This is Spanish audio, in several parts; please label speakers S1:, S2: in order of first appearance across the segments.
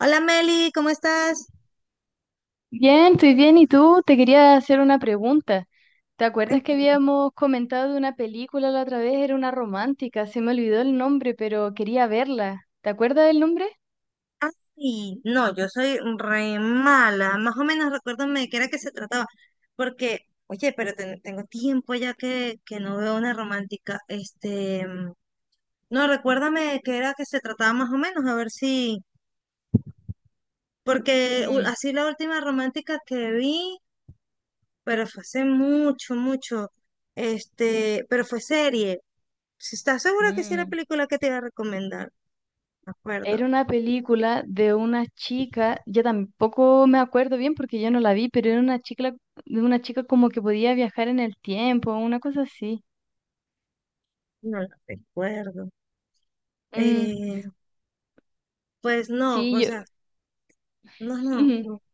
S1: Hola Meli, ¿cómo estás?
S2: Bien, estoy bien. ¿Y tú? Te quería hacer una pregunta. ¿Te acuerdas que
S1: Cuéntame.
S2: habíamos comentado de una película la otra vez? Era una romántica, se me olvidó el nombre, pero quería verla. ¿Te acuerdas del nombre?
S1: Ay, no, yo soy re mala. Más o menos recuérdame de qué era que se trataba. Porque, oye, pero tengo tiempo ya que no veo una romántica. No, recuérdame de qué era que se trataba más o menos, a ver si. Porque
S2: Mm,
S1: así la última romántica que vi, pero fue hace mucho, mucho. Pero fue serie. Si, ¿estás segura que sí es la
S2: mm.
S1: película que te iba a recomendar? Me acuerdo.
S2: Era una película de una chica, yo tampoco me acuerdo bien porque yo no la vi, pero era una chica, de una chica como que podía viajar en el tiempo, una cosa así.
S1: No la recuerdo.
S2: Mm,
S1: Eh, pues no,
S2: sí,
S1: o
S2: yo.
S1: sea, no, no, no.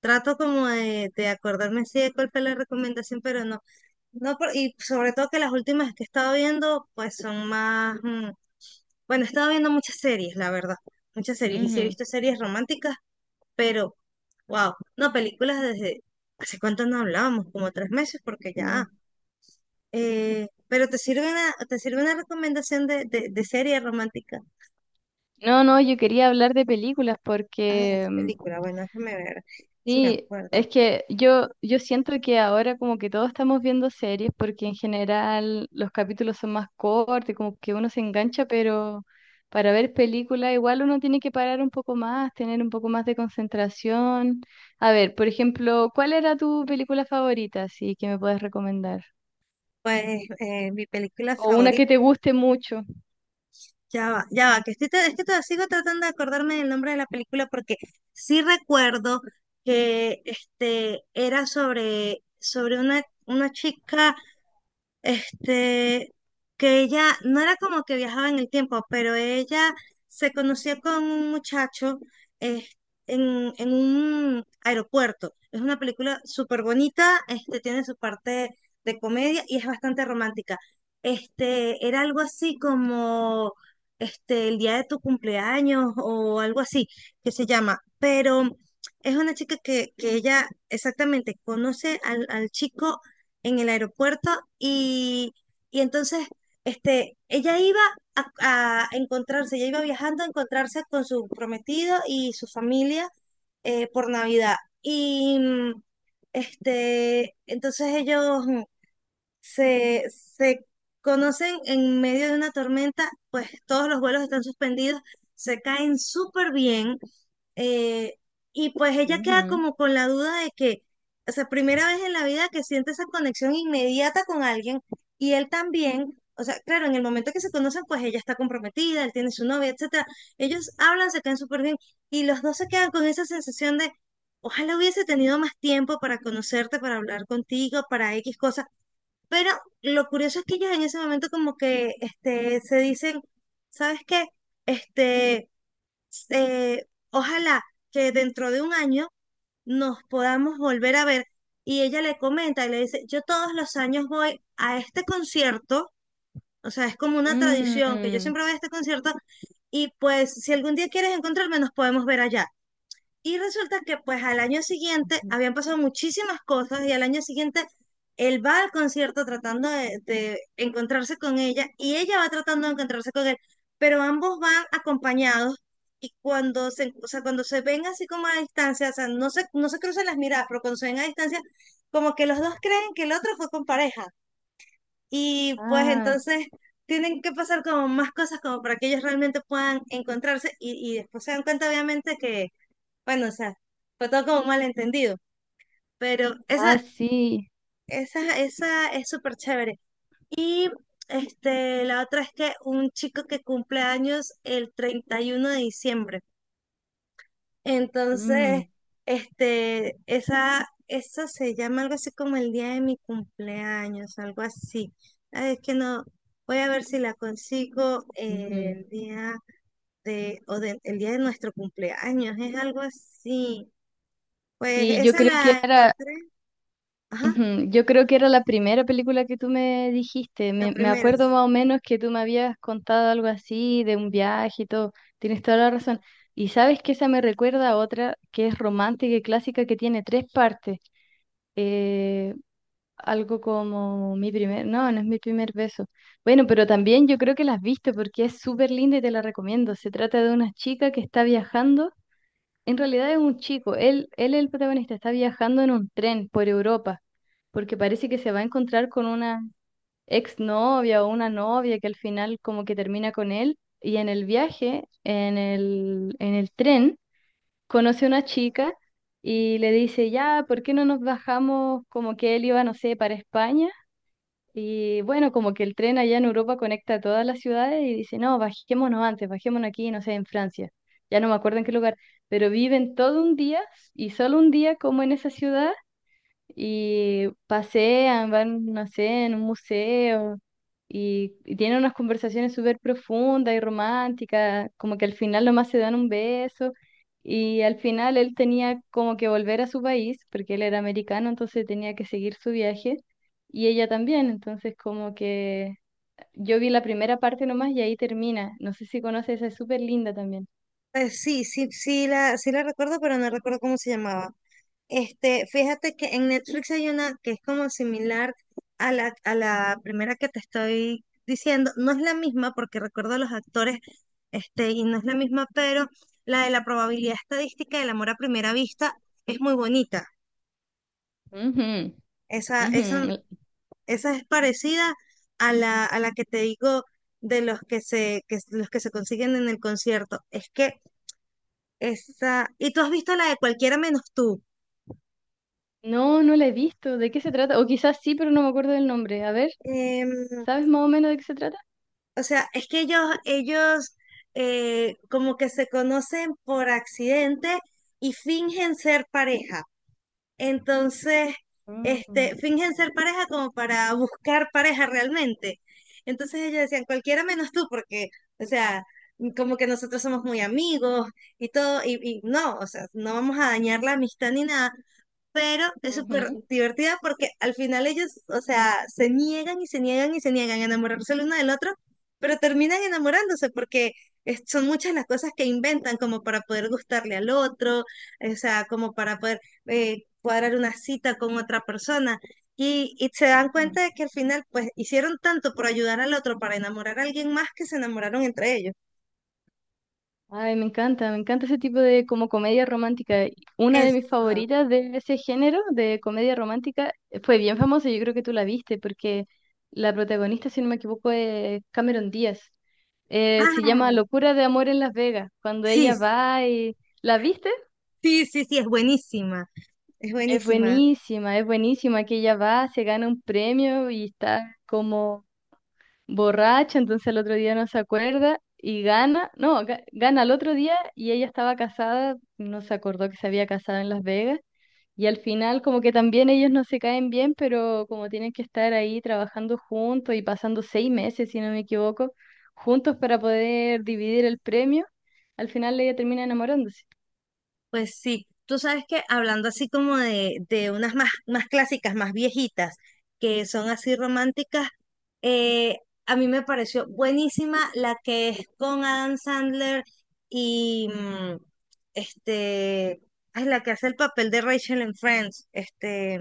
S1: Trato como de acordarme sí de cuál fue la recomendación, pero no, no, y sobre todo que las últimas que he estado viendo, pues son más, bueno, he estado viendo muchas series, la verdad, muchas
S2: Ujú,
S1: series, y sí he
S2: ujú,
S1: visto series románticas, pero, wow, no, películas desde, ¿hace cuánto no hablábamos? Como tres meses, porque ya,
S2: sí.
S1: pero te sirve una recomendación de serie romántica.
S2: No, no, yo quería hablar de películas
S1: Ah,
S2: porque
S1: es película, bueno, déjame ver si me
S2: Sí,
S1: acuerdo.
S2: es que yo siento que ahora como que todos estamos viendo series porque en general los capítulos son más cortos, como que uno se engancha, pero para ver películas igual uno tiene que parar un poco más, tener un poco más de concentración. A ver, por ejemplo, ¿cuál era tu película favorita, así que me puedes recomendar?
S1: Pues mi película
S2: O una
S1: favorita,
S2: que te guste mucho.
S1: ya va, que estoy, es que todavía sigo tratando de acordarme del nombre de la película porque sí recuerdo que era sobre, sobre una chica. Este, que ella no era como que viajaba en el tiempo, pero ella se conoció con un muchacho eh, en un aeropuerto. Es una película súper bonita, tiene su parte de comedia y es bastante romántica. Era algo así como el día de tu cumpleaños o algo así que se llama, pero es una chica que ella exactamente conoce al, al chico en el aeropuerto y, y entonces ella iba a, a encontrarse, ella iba viajando a encontrarse con su prometido y su familia por Navidad. Y mm, entonces ellos, se, se conocen en medio de una tormenta, pues todos los vuelos están suspendidos, se caen súper bien, eh, y pues ella queda como con la duda de que, o sea, primera vez en la vida que siente esa conexión inmediata con alguien y él también. O sea, claro, en el momento que se conocen, pues ella está comprometida, él tiene su novia, etcétera. Ellos hablan, se caen súper bien y los dos se quedan con esa sensación de, ojalá hubiese tenido más tiempo para conocerte, para hablar contigo, para X cosas, pero lo curioso es que ellos en ese momento como que se dicen, ¿sabes qué? Este, ojalá que dentro de un año nos podamos volver a ver. Y ella le comenta y le dice, yo todos los años voy a este concierto, o sea, es como una tradición que yo
S2: Mm.
S1: siempre voy a este concierto, y pues si algún día quieres encontrarme nos podemos ver allá. Y resulta que pues al año siguiente habían pasado muchísimas cosas y al año siguiente él va al concierto tratando de encontrarse con ella y ella va tratando de encontrarse con él, pero ambos van acompañados, y cuando se, o sea, cuando se ven así como a distancia, o sea, no se cruzan las miradas, pero cuando se ven a distancia, como que los dos creen que el otro fue con pareja, y pues
S2: Ah,
S1: entonces tienen que pasar como más cosas como para que ellos realmente puedan encontrarse, y después se dan cuenta obviamente que bueno, o sea, fue todo como un malentendido, pero
S2: ah, sí.
S1: esa es súper chévere. La otra es que un chico que cumple años el 31 de diciembre. Entonces,
S2: Mm,
S1: esa se llama algo así como el día de mi cumpleaños, algo así. Ay, es que no, voy a ver si la consigo
S2: ujú.
S1: el día de, el día de nuestro cumpleaños, es algo así. Pues
S2: Sí, yo
S1: esa
S2: creo que
S1: la
S2: ahora.
S1: encontré. Ajá.
S2: Ujú. Yo creo que era la primera película que tú me dijiste.
S1: La
S2: Me
S1: primera.
S2: acuerdo más o menos que tú me habías contado algo así de un viaje y todo. Tienes toda la razón. Y sabes que esa me recuerda a otra que es romántica y clásica que tiene tres partes. Eh, Algo como mi primer, no, no es mi primer beso. Bueno, pero también yo creo que la has visto porque es súper linda y te la recomiendo. Se trata de una chica que está viajando en realidad es un chico, él es el protagonista, está viajando en un tren por Europa, porque parece que se va a encontrar con una exnovia o una novia que al final como que termina con él, y en el viaje, en el tren, conoce a una chica y le dice, ya, ¿por qué no nos bajamos como que él iba, no sé, para España? Y bueno, como que el tren allá en Europa conecta todas las ciudades y dice, no, bajémonos antes, bajémonos aquí, no sé, en Francia, ya no me acuerdo en qué lugar, pero viven todo un día y solo un día como en esa ciudad y pasean, van, no sé, en un museo y tienen unas conversaciones súper profundas y románticas, como que al final nomás se dan un beso y al final él tenía como que volver a su país porque él era americano, entonces tenía que seguir su viaje y ella también, entonces como que yo vi la primera parte nomás y ahí termina, no sé si conoces, esa es súper linda también.
S1: Pues sí, sí, sí la, sí la recuerdo, pero no recuerdo cómo se llamaba. Fíjate que en Netflix hay una que es como similar a la primera que te estoy diciendo. No es la misma porque recuerdo a los actores, y no es la misma, pero la de la probabilidad estadística del amor a primera vista es muy bonita.
S2: Ujú,
S1: Esa,
S2: ujú.
S1: esa, esa es parecida a la que te digo de los que se, que, los que se consiguen en el concierto. Es que esa, y tú, ¿has visto la de cualquiera menos tú?
S2: No, no la he visto. ¿De qué se trata? O quizás sí, pero no me acuerdo del nombre. A ver.
S1: Em,
S2: ¿Sabes más o menos de qué se trata?
S1: o sea, es que ellos como que se conocen por accidente y fingen ser pareja. Entonces,
S2: Mm.
S1: fingen ser pareja como para buscar pareja realmente. Entonces ellos decían, cualquiera menos tú, porque, o sea, como que nosotros somos muy amigos y todo, y no, o sea, no vamos a dañar la amistad ni nada, pero es súper
S2: Ujú.
S1: divertida porque al final ellos, o sea, se niegan y se niegan y se niegan a enamorarse el uno del otro, pero terminan enamorándose porque son muchas las cosas que inventan como para poder gustarle al otro, o sea, como para poder cuadrar una cita con otra persona. Y se dan
S2: Ujú.
S1: cuenta de que al final, pues, hicieron tanto por ayudar al otro para enamorar a alguien más que se enamoraron entre ellos.
S2: Ay, me encanta ese tipo de como comedia romántica. Una de mis
S1: Eso.
S2: favoritas de ese género de comedia romántica fue bien famosa, yo creo que tú la viste, porque la protagonista, si no me equivoco, es Cameron Díaz. Se llama
S1: Ah,
S2: Locura de Amor en Las Vegas, cuando
S1: sí,
S2: ella va y. ¿La viste?
S1: sí, sí, sí, es buenísima. Es buenísima.
S2: Es buenísima que ella va, se gana un premio y está como borracha, entonces el otro día no se acuerda y gana, no, ga- gana el otro día y ella estaba casada, no se acordó que se había casado en Las Vegas y al final como que también ellos no se caen bien, pero como tienen que estar ahí trabajando juntos y pasando 6 meses, si no me equivoco, juntos para poder dividir el premio, al final ella termina enamorándose
S1: Pues sí, tú sabes que hablando así como de unas más, más clásicas, más viejitas, que son así románticas, eh, a mí me pareció buenísima la que es con Adam Sandler y mm, este, es la que hace el papel de Rachel en Friends,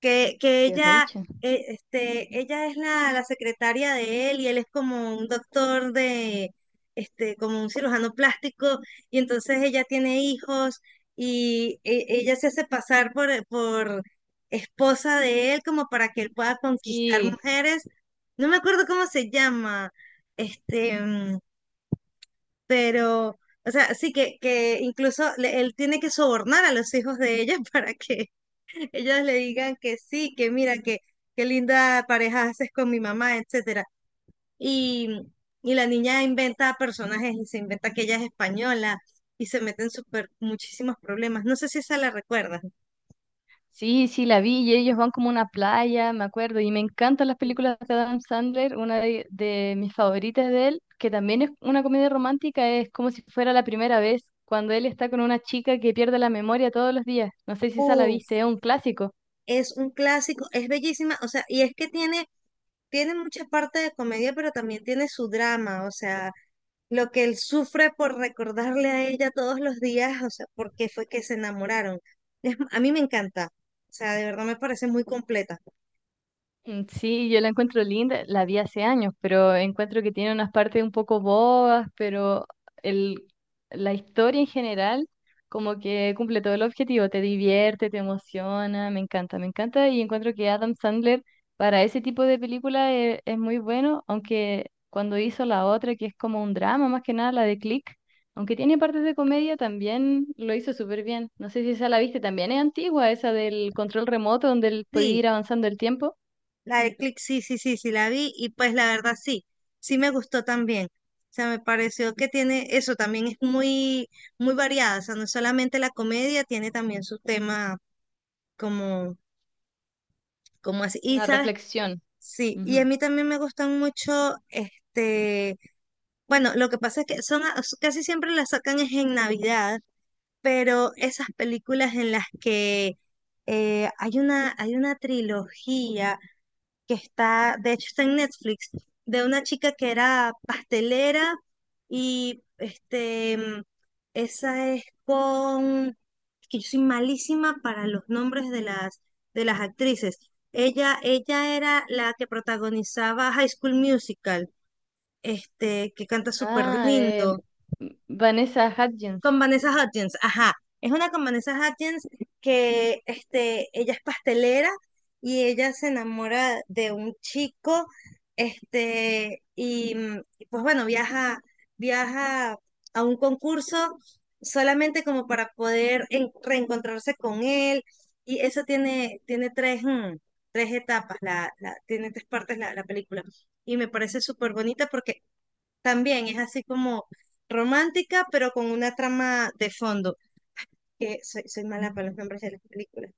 S1: que
S2: de
S1: ella,
S2: Rachel.
S1: ella es la, la secretaria de él y él es como un doctor de, como un cirujano plástico, y entonces ella tiene hijos y ella se hace pasar por esposa de él como para que él pueda conquistar
S2: Sí,
S1: mujeres. No me acuerdo cómo se llama, este, mm, pero, o sea, sí que incluso él tiene que sobornar a los hijos de ella para que ellas le digan que sí, que mira, que qué linda pareja haces con mi mamá, etcétera. Y, y la niña inventa personajes y se inventa que ella es española, y se meten súper muchísimos problemas. No sé si esa la recuerdas.
S2: sí, sí, la vi y ellos van como a una playa, me acuerdo, y me encantan las películas de Adam Sandler, una de mis favoritas de él, que también es una comedia romántica, es como si fuera la primera vez, cuando él está con una chica que pierde la memoria todos los días. No sé si esa la viste,
S1: Uf,
S2: es un clásico.
S1: es un clásico, es bellísima, o sea, y es que tiene, tiene mucha parte de comedia, pero también tiene su drama, o sea, lo que él sufre por recordarle a ella todos los días, o sea, por qué fue que se enamoraron. A mí me encanta, o sea, de verdad me parece muy completa.
S2: Mm. Sí, yo la encuentro linda, la vi hace años, pero encuentro que tiene unas partes un poco bobas, pero el, la historia en general como que cumple todo el objetivo, te divierte, te emociona, me encanta y encuentro que Adam Sandler para ese tipo de película es, muy bueno, aunque cuando hizo la otra que es como un drama más que nada, la de Click, aunque tiene partes de comedia, también lo hizo súper bien. No sé si esa la viste, también es antigua, esa del control remoto donde él podía
S1: Sí,
S2: ir avanzando el tiempo.
S1: la de Click, sí, sí, sí, sí, la vi y pues la verdad sí, sí me gustó también. O sea, me pareció que tiene eso, también es muy, muy variada, o sea, no es solamente la comedia, tiene también su tema como, como así. Y
S2: Una
S1: sabes,
S2: reflexión.
S1: sí, y a
S2: Ujú.
S1: mí también me gustan mucho, bueno, lo que pasa es que son casi siempre las sacan es en Navidad, pero esas películas en las que hay una trilogía que está, de hecho está en Netflix, de una chica que era pastelera y esa es con, es que yo soy malísima para los nombres de las actrices. Ella era la que protagonizaba High School Musical, que canta súper
S2: Ah,
S1: lindo.
S2: Vanessa Hudgens.
S1: Con Vanessa Hudgens, ajá. Es una con Vanessa Hudgens que ella es pastelera y ella se enamora de un chico, y pues bueno, viaja, viaja a un concurso solamente como para poder reencontrarse con él. Y eso tiene, tiene tres, tres etapas, la, tiene tres partes la, la película. Y me parece súper bonita porque también es así como romántica, pero con una trama de fondo. Que soy, soy mala para los
S2: Ujú.
S1: nombres de las películas.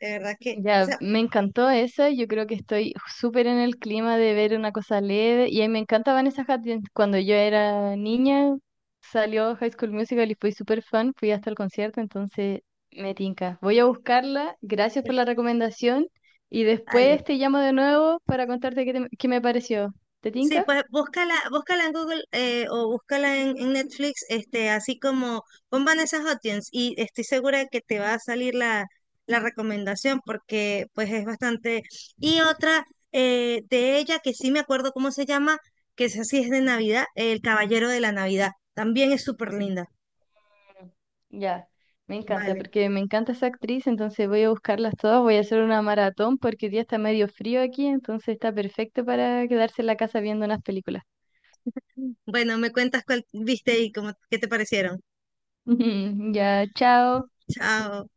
S1: De verdad que, o
S2: Ya,
S1: sea,
S2: me encantó esa. Yo creo que estoy súper en el clima de ver una cosa leve. Y a mí me encanta Vanessa Hudgens. Cuando yo era niña, salió High School Musical y fui súper fan. Fui hasta el concierto, entonces me tinca. Voy a buscarla. Gracias por la recomendación. Y
S1: vale.
S2: después te llamo de nuevo para contarte qué, qué me pareció. ¿Te
S1: Sí,
S2: tinca?
S1: pues búscala, búscala en Google, o búscala en Netflix, así como pon Vanessa Hudgens y estoy segura de que te va a salir la, la recomendación porque pues es bastante. Y otra de ella que sí me acuerdo cómo se llama, que es así, es de Navidad, El Caballero de la Navidad. También es súper linda.
S2: Ya, me encanta,
S1: Vale.
S2: porque me encanta esa actriz, entonces voy a buscarlas todas, voy a hacer una maratón porque hoy día está medio frío aquí, entonces está perfecto para quedarse en la casa viendo unas películas.
S1: Bueno, me cuentas cuál viste y cómo, qué te parecieron.
S2: Ya, chao.
S1: Chao.